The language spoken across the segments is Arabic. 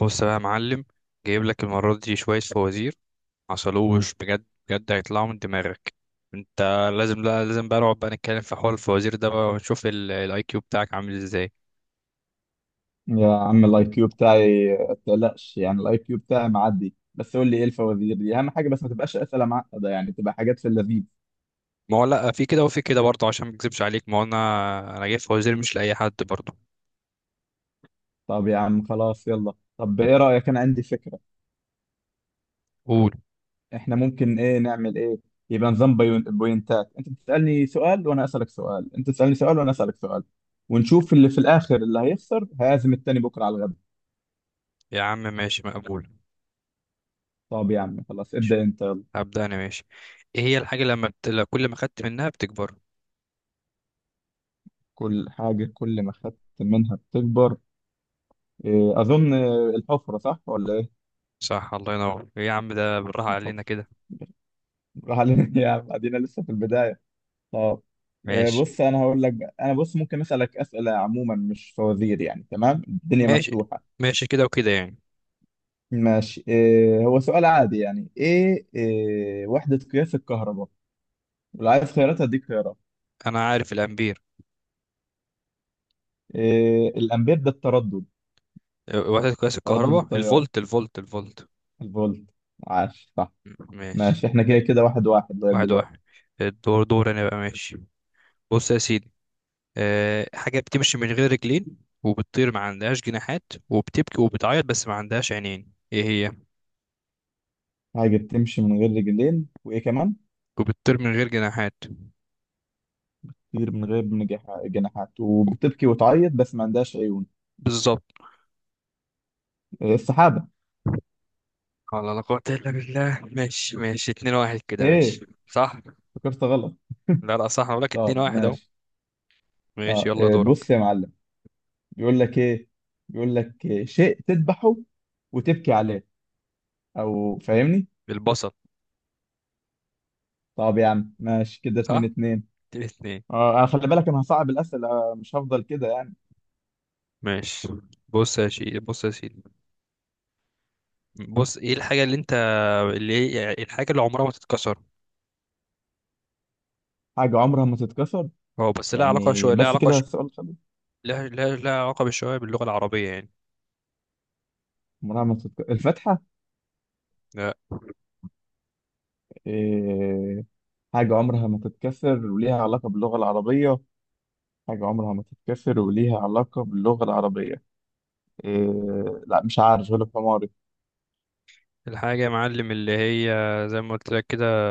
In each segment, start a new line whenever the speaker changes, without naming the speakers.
بص بقى يا معلم، جايب لك المرة دي شوية فوازير عسلوش، بجد هيطلعوا من دماغك انت. لازم، لا لازم بقى نقعد بقى نتكلم في حوار الفوازير ده بقى، ونشوف الاي كيو بتاعك عامل ازاي.
يا عم الاي كيو بتاعي ما تقلقش، يعني الاي كيو بتاعي معدي. بس قول لي ايه الفوازير دي؟ اهم حاجه بس ما تبقاش اسئله معقده، يعني تبقى حاجات في اللذيذ.
ما هو لا في كده وفي كده برضه، عشان ما اكذبش عليك، ما هو انا جايب فوازير مش لأي حد برضه.
طب يا عم خلاص يلا. طب ايه رايك؟ انا عندي فكره.
قول.
احنا ممكن نعمل ايه؟ يبقى نظام بوينتات. انت بتسالني سؤال وانا اسالك سؤال، انت تسالني سؤال وانا اسالك سؤال، ونشوف اللي في الاخر اللي هيخسر هيعزم التاني بكره على الغدا.
يا عم ماشي مقبول.
طب يا عم خلاص
ماشي.
ابدا انت يلا.
هبدأ انا ماشي. ايه هي الحاجة لما بت... لا، كل ما خدت منها بتكبر؟
كل حاجه كل ما خدت منها بتكبر. اظن الحفره، صح ولا ايه؟
صح، الله ينور. ايه يا عم ده، بالراحة علينا
الحفره.
كده.
روح علينا يا عم، ادينا لسه في البدايه. طب.
ماشي.
بص انا هقول لك بقى. انا بص ممكن اسالك اسئله عموما، مش فوازير يعني، تمام؟ الدنيا
ماشي
مفتوحه.
ماشي كده وكده يعني.
ماشي. هو سؤال عادي يعني. ايه آه، وحده قياس الكهرباء. ولو عايز خيارات هديك خيارات.
انا عارف الامبير.
الامبير ده التردد؟
وحدة قياس
تردد
الكهرباء
التيار؟
الفولت، الفولت.
الفولت. عاش، صح.
ماشي.
ماشي، احنا كده كده واحد واحد لغايه
واحد
دلوقتي.
واحد. الدور دور انا بقى، ماشي. بص يا سيدي، أه، حاجة بتمشي من غير رجلين وبتطير ما عندهاش جناحات، وبتبكي وبتعيط بس ما عندهاش عينين، ايه هي؟
حاجه بتمشي من غير رجلين وايه كمان؟
وبتطير من غير جناحات.
طير من غير جناحات،
و-
وبتبكي وتعيط بس ما عندهاش عيون.
بالظبط.
السحابه.
والله لا قوة إلا بالله. ماشي ماشي، اتنين واحد كده،
ايه،
ماشي صح.
فكرت غلط.
لا لا صح، أنا بقولك اتنين
طب
واحد أهو.
ماشي.
ماشي
اه
يلا
إيه،
دورك.
بص يا معلم، بيقول لك ايه. بيقول لك إيه؟ شيء تذبحه وتبكي عليه، او فاهمني.
البصل.
طب يا عم ماشي، كده اتنين
صح.
اتنين.
اتنين اتنين.
اه، أنا خلي بالك انا هصعب الاسئله، مش هفضل كده يعني.
ماشي. بص يا شيخ، بص يا سيدي، بص، ايه الحاجة اللي انت، اللي هي يعني الحاجة اللي عمرها ما تتكسر؟
حاجه عمرها ما تتكسر.
هو بس لها علاقة
يعني
شوية،
بس كده السؤال خلص؟
لها علاقة بالشوية باللغة العربية يعني.
عمرها ما تتكسر الفتحه؟
لا.
إيه. حاجه عمرها ما تتكسر وليها علاقه باللغه العربيه. حاجه عمرها ما تتكسر وليها علاقه باللغه العربيه. إيه. لا مش عارف، غلب حماري.
الحاجة يا معلم اللي هي، زي ما قلت لك كده،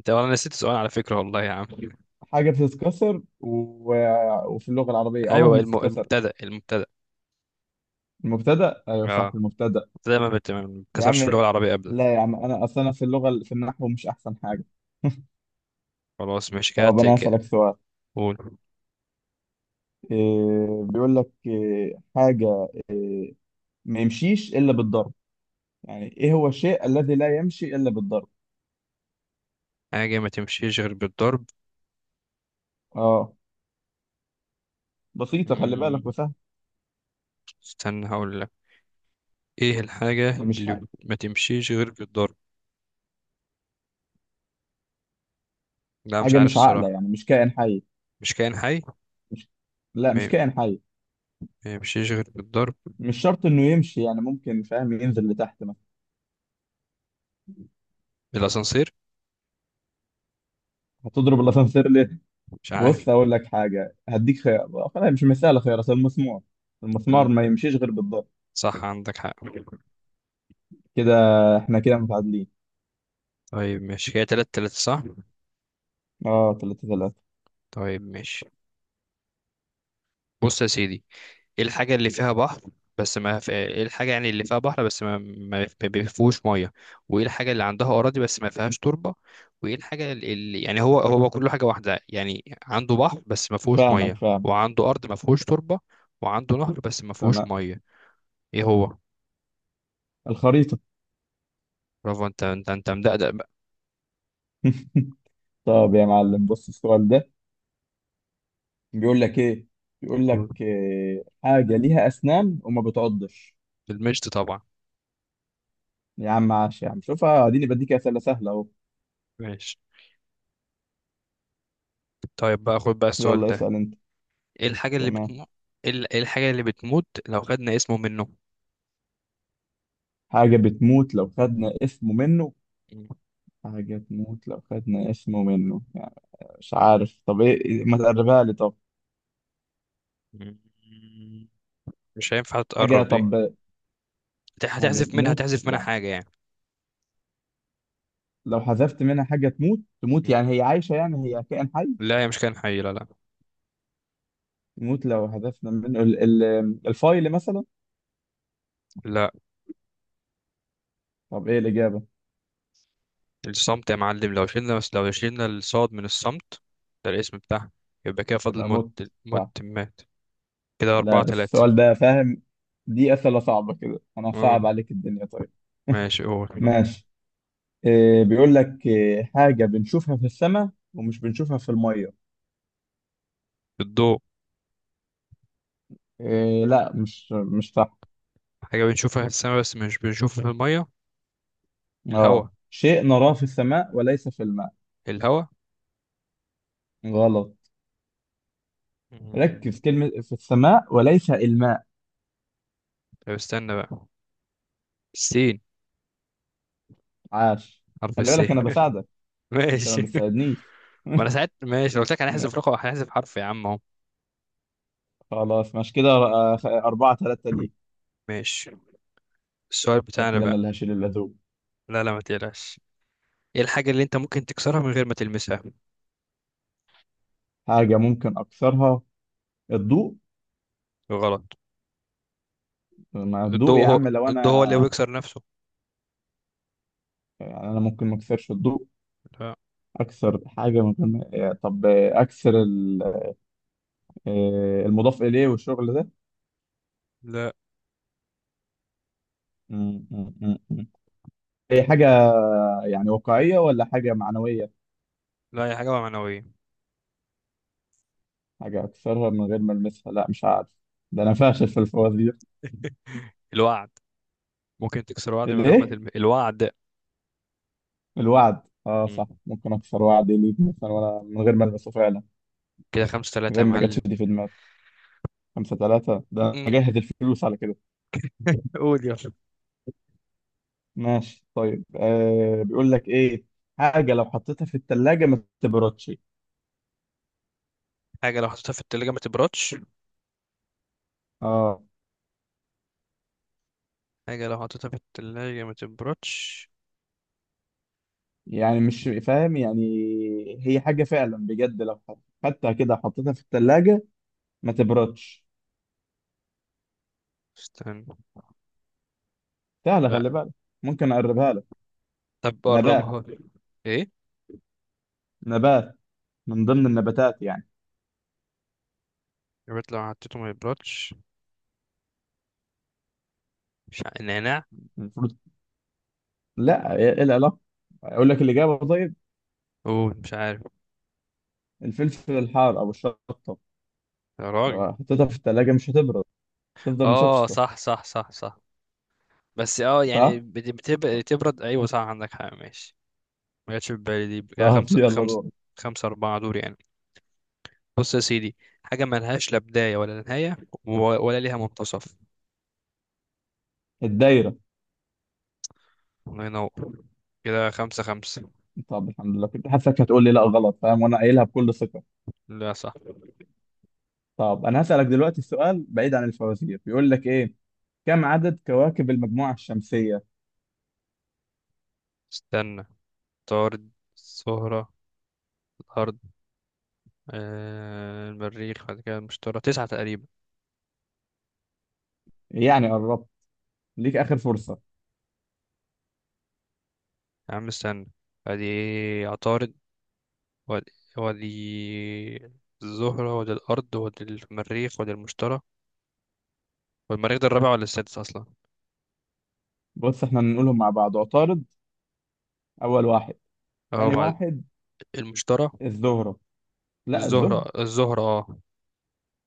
انت انا نسيت السؤال على فكرة والله يا عم.
حاجة بتتكسر و... وفي اللغة العربية عمرها
ايوه
ما تتكسر.
المبتدأ.
المبتدأ. أيوة صح،
اه،
المبتدأ.
المبتدأ ما
يا
بتتكسرش
عم،
في اللغة العربية ابدا.
لا يا عم، أنا أصلا أنا في اللغة، في النحو، مش أحسن حاجة.
خلاص ماشي كده
طب أنا
تك.
هسألك سؤال.
قول.
إيه بيقول لك إيه؟ حاجة ما يمشيش إلا بالضرب. يعني إيه هو الشيء الذي لا يمشي إلا بالضرب.
حاجة ما تمشيش غير بالضرب.
آه. بسيطة خلي بالك،
مم،
وسهل.
استنى هقول لك. ايه الحاجة
مش
اللي
حاجة.
ما تمشيش غير بالضرب؟ لا مش
حاجة
عارف
مش عاقلة،
الصراحة.
يعني مش كائن حي.
مش كائن حي.
مش، لا مش كائن حي.
ما يمشيش غير بالضرب.
مش شرط إنه يمشي يعني، ممكن فاهم ينزل لتحت مثلا.
بالاسانسير.
هتضرب الأسانسير؟
مش عارف.
بص اقول لك حاجه، هديك خيار. خلاص مش مساله خيار اصل، المسمار. المسمار ما
الم-
يمشيش غير بالضبط.
صح عندك حق.
كده احنا كده متعادلين.
طيب ماشي، هي تلات تلاتة صح.
اه، ثلاثة ثلاثة.
طيب ماشي. بص يا سيدي، ايه الحاجة اللي فيها بحر بس ما في... ايه الحاجة يعني اللي فيها بحر بس ما بيفيهوش مية؟ وايه الحاجة اللي عندها أراضي بس ما فيهاش تربة؟ وايه الحاجة اللي يعني، هو كله حاجة واحدة يعني، عنده بحر بس ما فيهوش
فاهمك،
مية،
فاهم.
وعنده أرض ما فيهوش تربة، وعنده نهر بس ما فيهوش
تمام.
مية. ايه هو؟
الخريطه.
برافو، انت مدقدق بقى.
طب يا معلم بص السؤال ده، بيقول لك ايه. بيقول لك إيه؟ حاجه ليها اسنان وما بتعضش.
بالمشط طبعا.
يا عم عاش، يا عم شوفها، اديني بديك اسئله سهله اهو.
ماشي. طيب بقى خد بقى السؤال
يلا
ده،
اسال انت.
ايه الحاجة اللي
تمام.
بتموت، إيه الحاجة اللي بتموت لو خدنا اسمه منه؟
حاجه بتموت لو خدنا اسمه منه. حاجه تموت لو خدنا اسمه منه. مش عارف، طب ايه؟ ما تقربها لي طب.
مم. مش هينفع
حاجة
تقرب دي.
طب. حاجة
هتحذف منها،
تموت
هتحذف منها
يعني
حاجة يعني.
لو حذفت منها حاجة تموت، تموت
مم.
يعني هي عايشة، يعني هي كائن حي؟
لا هي مش كائن حي، لا لا.
تموت لو حذفنا منه ال الفايل مثلا.
لا.
طب ايه الإجابة؟
الصمت يا معلم، لو شلنا، بس لو شلنا الصاد من الصمت، ده الاسم بتاعها، يبقى كده فاضل
تبقى
موت.
موت.
موت،
صح.
مات. كده
لا
أربعة
بس
تلاتة.
السؤال ده فاهم، دي أسئلة صعبة كده. أنا صعب
اه
عليك الدنيا طيب.
ماشي، قول.
ماشي. إيه بيقول لك إيه؟ حاجة بنشوفها في السماء ومش بنشوفها في المية.
الضوء.
إيه، لا مش صح.
حاجة بنشوفها في السماء بس مش بنشوفها في المية. الهواء.
اه، شيء نراه في السماء وليس في الماء.
الهواء.
غلط.
مم.
ركز كلمة في السماء وليس الماء.
طب استنى بقى، السين.
عاش.
حرف
خلي
الس
بالك أنا بساعدك. أنت ما
ماشي.
بتساعدنيش.
ما انا ساعات ماشي، لو قلت لك
لا،
هنحذف رقم، هنحذف حرف يا عم اهو.
خلاص مش كده. أربعة ثلاثة ليك.
ماشي. السؤال بتاعنا
شكلي أنا
بقى.
اللي هشيل اللزوم.
لا لا ما تقلقش. ايه الحاجة اللي انت ممكن تكسرها من غير ما تلمسها؟
حاجة ممكن أكسرها. الضوء.
غلط.
ما الضوء
الضوء
يا
هو،
عم لو
الضوء هو اللي
أنا.
بيكسر نفسه.
يعني أنا ممكن ما أكسرش الضوء.
لا.
أكسر حاجة ممكن، طب أكسر المضاف إليه والشغل ده.
لا،
م- م- م- م. هي حاجة يعني واقعية ولا حاجة معنوية؟
لا هي حاجة معنوية.
حاجة أكسرها من غير ما ألمسها، لا مش عارف. ده أنا فاشل في الفوازير.
الوعد. ممكن تكسر وعد من غير ما
الإيه؟
تلمس الوعد.
الوعد. أه
مم.
صح، ممكن أكسر وعدي ليك مثلا وأنا من غير ما ألمسه فعلا.
كده خمسة ثلاثة
غير
يا
ما جاتش
معلم.
دي في دماغي. خمسة ثلاثة. ده أنا
مم.
مجهز الفلوس على كده.
قول يلا.
ماشي طيب. آه بيقول لك إيه. حاجة لو حطيتها في التلاجة ما تبردش.
حاجة لو حطيتها في التلاجة ما تبردش.
أه.
حاجة لو حطيتها في التلاجة ما تبردش.
يعني مش فاهم يعني. هي حاجة فعلا بجد، لو خدتها كده حطيتها في التلاجة ما تبردش.
استنى.
سهلة
لا.
خلي بالك. ممكن أقربها لك.
طب
نبات.
قربها لي. ايه؟
نبات، من ضمن النباتات يعني.
البيض لو حطيته ما يبردش. مش ع... نعناع.
المفروض. لا ايه، إيه العلاقه؟ اقول لك الاجابه طيب.
اوه مش عارف.
الفلفل الحار او الشطه،
يا راجل.
لو حطيتها في الثلاجه مش هتبرد، تفضل
اه
مشطشطه.
صح، صح صح صح. بس اه يعني
صح.
بتبقى تبرد، ايوه صح عندك حق، ماشي. ما جاتش في بالي دي. كده
طب
خمسة
يلا
خمسة.
دور.
خمسة أربعة دور يعني. بص يا سيدي، حاجة ملهاش لا بداية ولا نهاية، ولا ليها منتصف.
الدايره.
الله ينور. كده خمسة خمسة.
طب الحمد لله، كنت حاسسك هتقول لي لا غلط، فاهم؟ وانا قايلها بكل ثقه.
لا صح.
طب انا هسالك دلوقتي السؤال بعيد عن الفوازير. بيقول لك ايه؟ كم عدد كواكب المجموعه الشمسيه؟
استنى. طارد. الزهرة. الأرض. آه، المريخ، بعد كده المشتري. تسعة تقريبا.
يعني قربت، ليك اخر فرصه.
يا عم استنى. ادي عطارد، ودي، ودي الزهرة، ودي الأرض، ودي المريخ، ودي المشتري. والمريخ ده الرابع ولا السادس أصلا؟
بص احنا نقولهم مع بعض. عطارد اول واحد.
أهو
ثاني
بعد.
واحد
المشتري.
الزهره، لا الزهره.
الزهرة، الزهرة اه.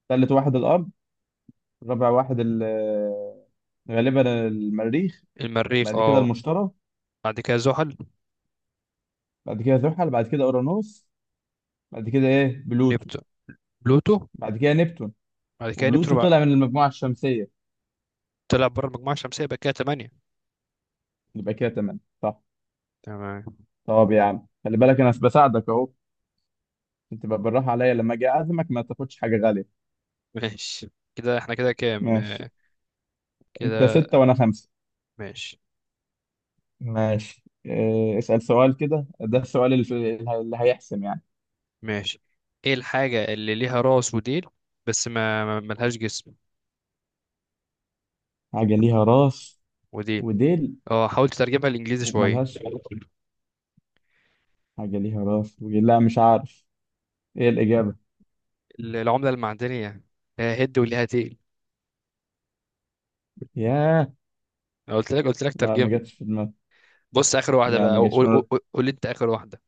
ثالث واحد الارض. رابع واحد غالبا المريخ.
المريخ
بعد كده
اه.
المشتري.
بعد كده زحل.
بعد كده زحل. بعد كده اورانوس. بعد كده ايه، بلوتو.
نبت، بلوتو.
بعد كده نبتون.
بعد كده نبتون
وبلوتو
بقى.
طلع من المجموعة الشمسية.
طلع بره المجموعة الشمسية، يبقى كده تمانية.
يبقى كده تمام، صح.
تمام.
طب يا عم خلي بالك انا بساعدك اهو. انت بقى بالراحة عليا لما اجي اعزمك، ما تاخدش حاجة غالية.
ماشي. كده احنا كده كام
ماشي.
آه.
انت
كده
ستة وانا خمسة.
ماشي.
ماشي. إيه، اسأل سؤال كده، ده السؤال اللي، اللي هيحسم يعني.
ماشي. ايه الحاجة اللي ليها راس وديل بس ما ملهاش جسم؟
حاجة ليها راس
وديل.
وديل.
اه حاول تترجمها للإنجليزي شوية.
وملهاش. حاجة ليها راس وديل، لا مش عارف. ايه الإجابة؟
العملة المعدنية. آه، هد وليها تقل.
ياه.
أنا قلت لك، قلت لك
لا ما
ترجمة.
جاتش في دماغي.
بص آخر واحدة
لا
بقى،
ما جاتش في دماغي.
قول لي أنت آخر واحدة.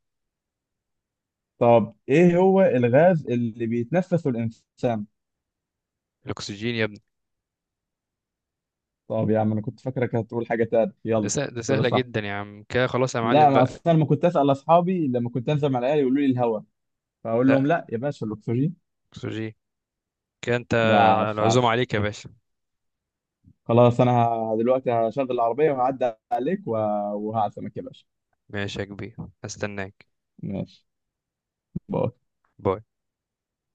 طب ايه هو الغاز اللي بيتنفسه الانسان؟
الأكسجين يا ابني.
طب يا عم انا كنت فاكرك هتقول حاجه تانية. يلا.
ده
كده
سهلة
صح.
جدا يا عم، كده خلاص يا
لا،
معلم
ما
بقى.
اصل انا لما كنت اسال اصحابي لما كنت انزل مع العيال يقولوا لي الهواء، فاقول لهم
لا.
لا يا باشا، الاكسجين.
أكسجين. كده أنت.
لا، عش
العزومة
عش.
عليك يا باشا.
خلاص انا دلوقتي هشغل العربيه وهعدي عليك وهعزمك يا باشا.
ماشي يا كبير، هستناك.
ماشي. باي.
باي.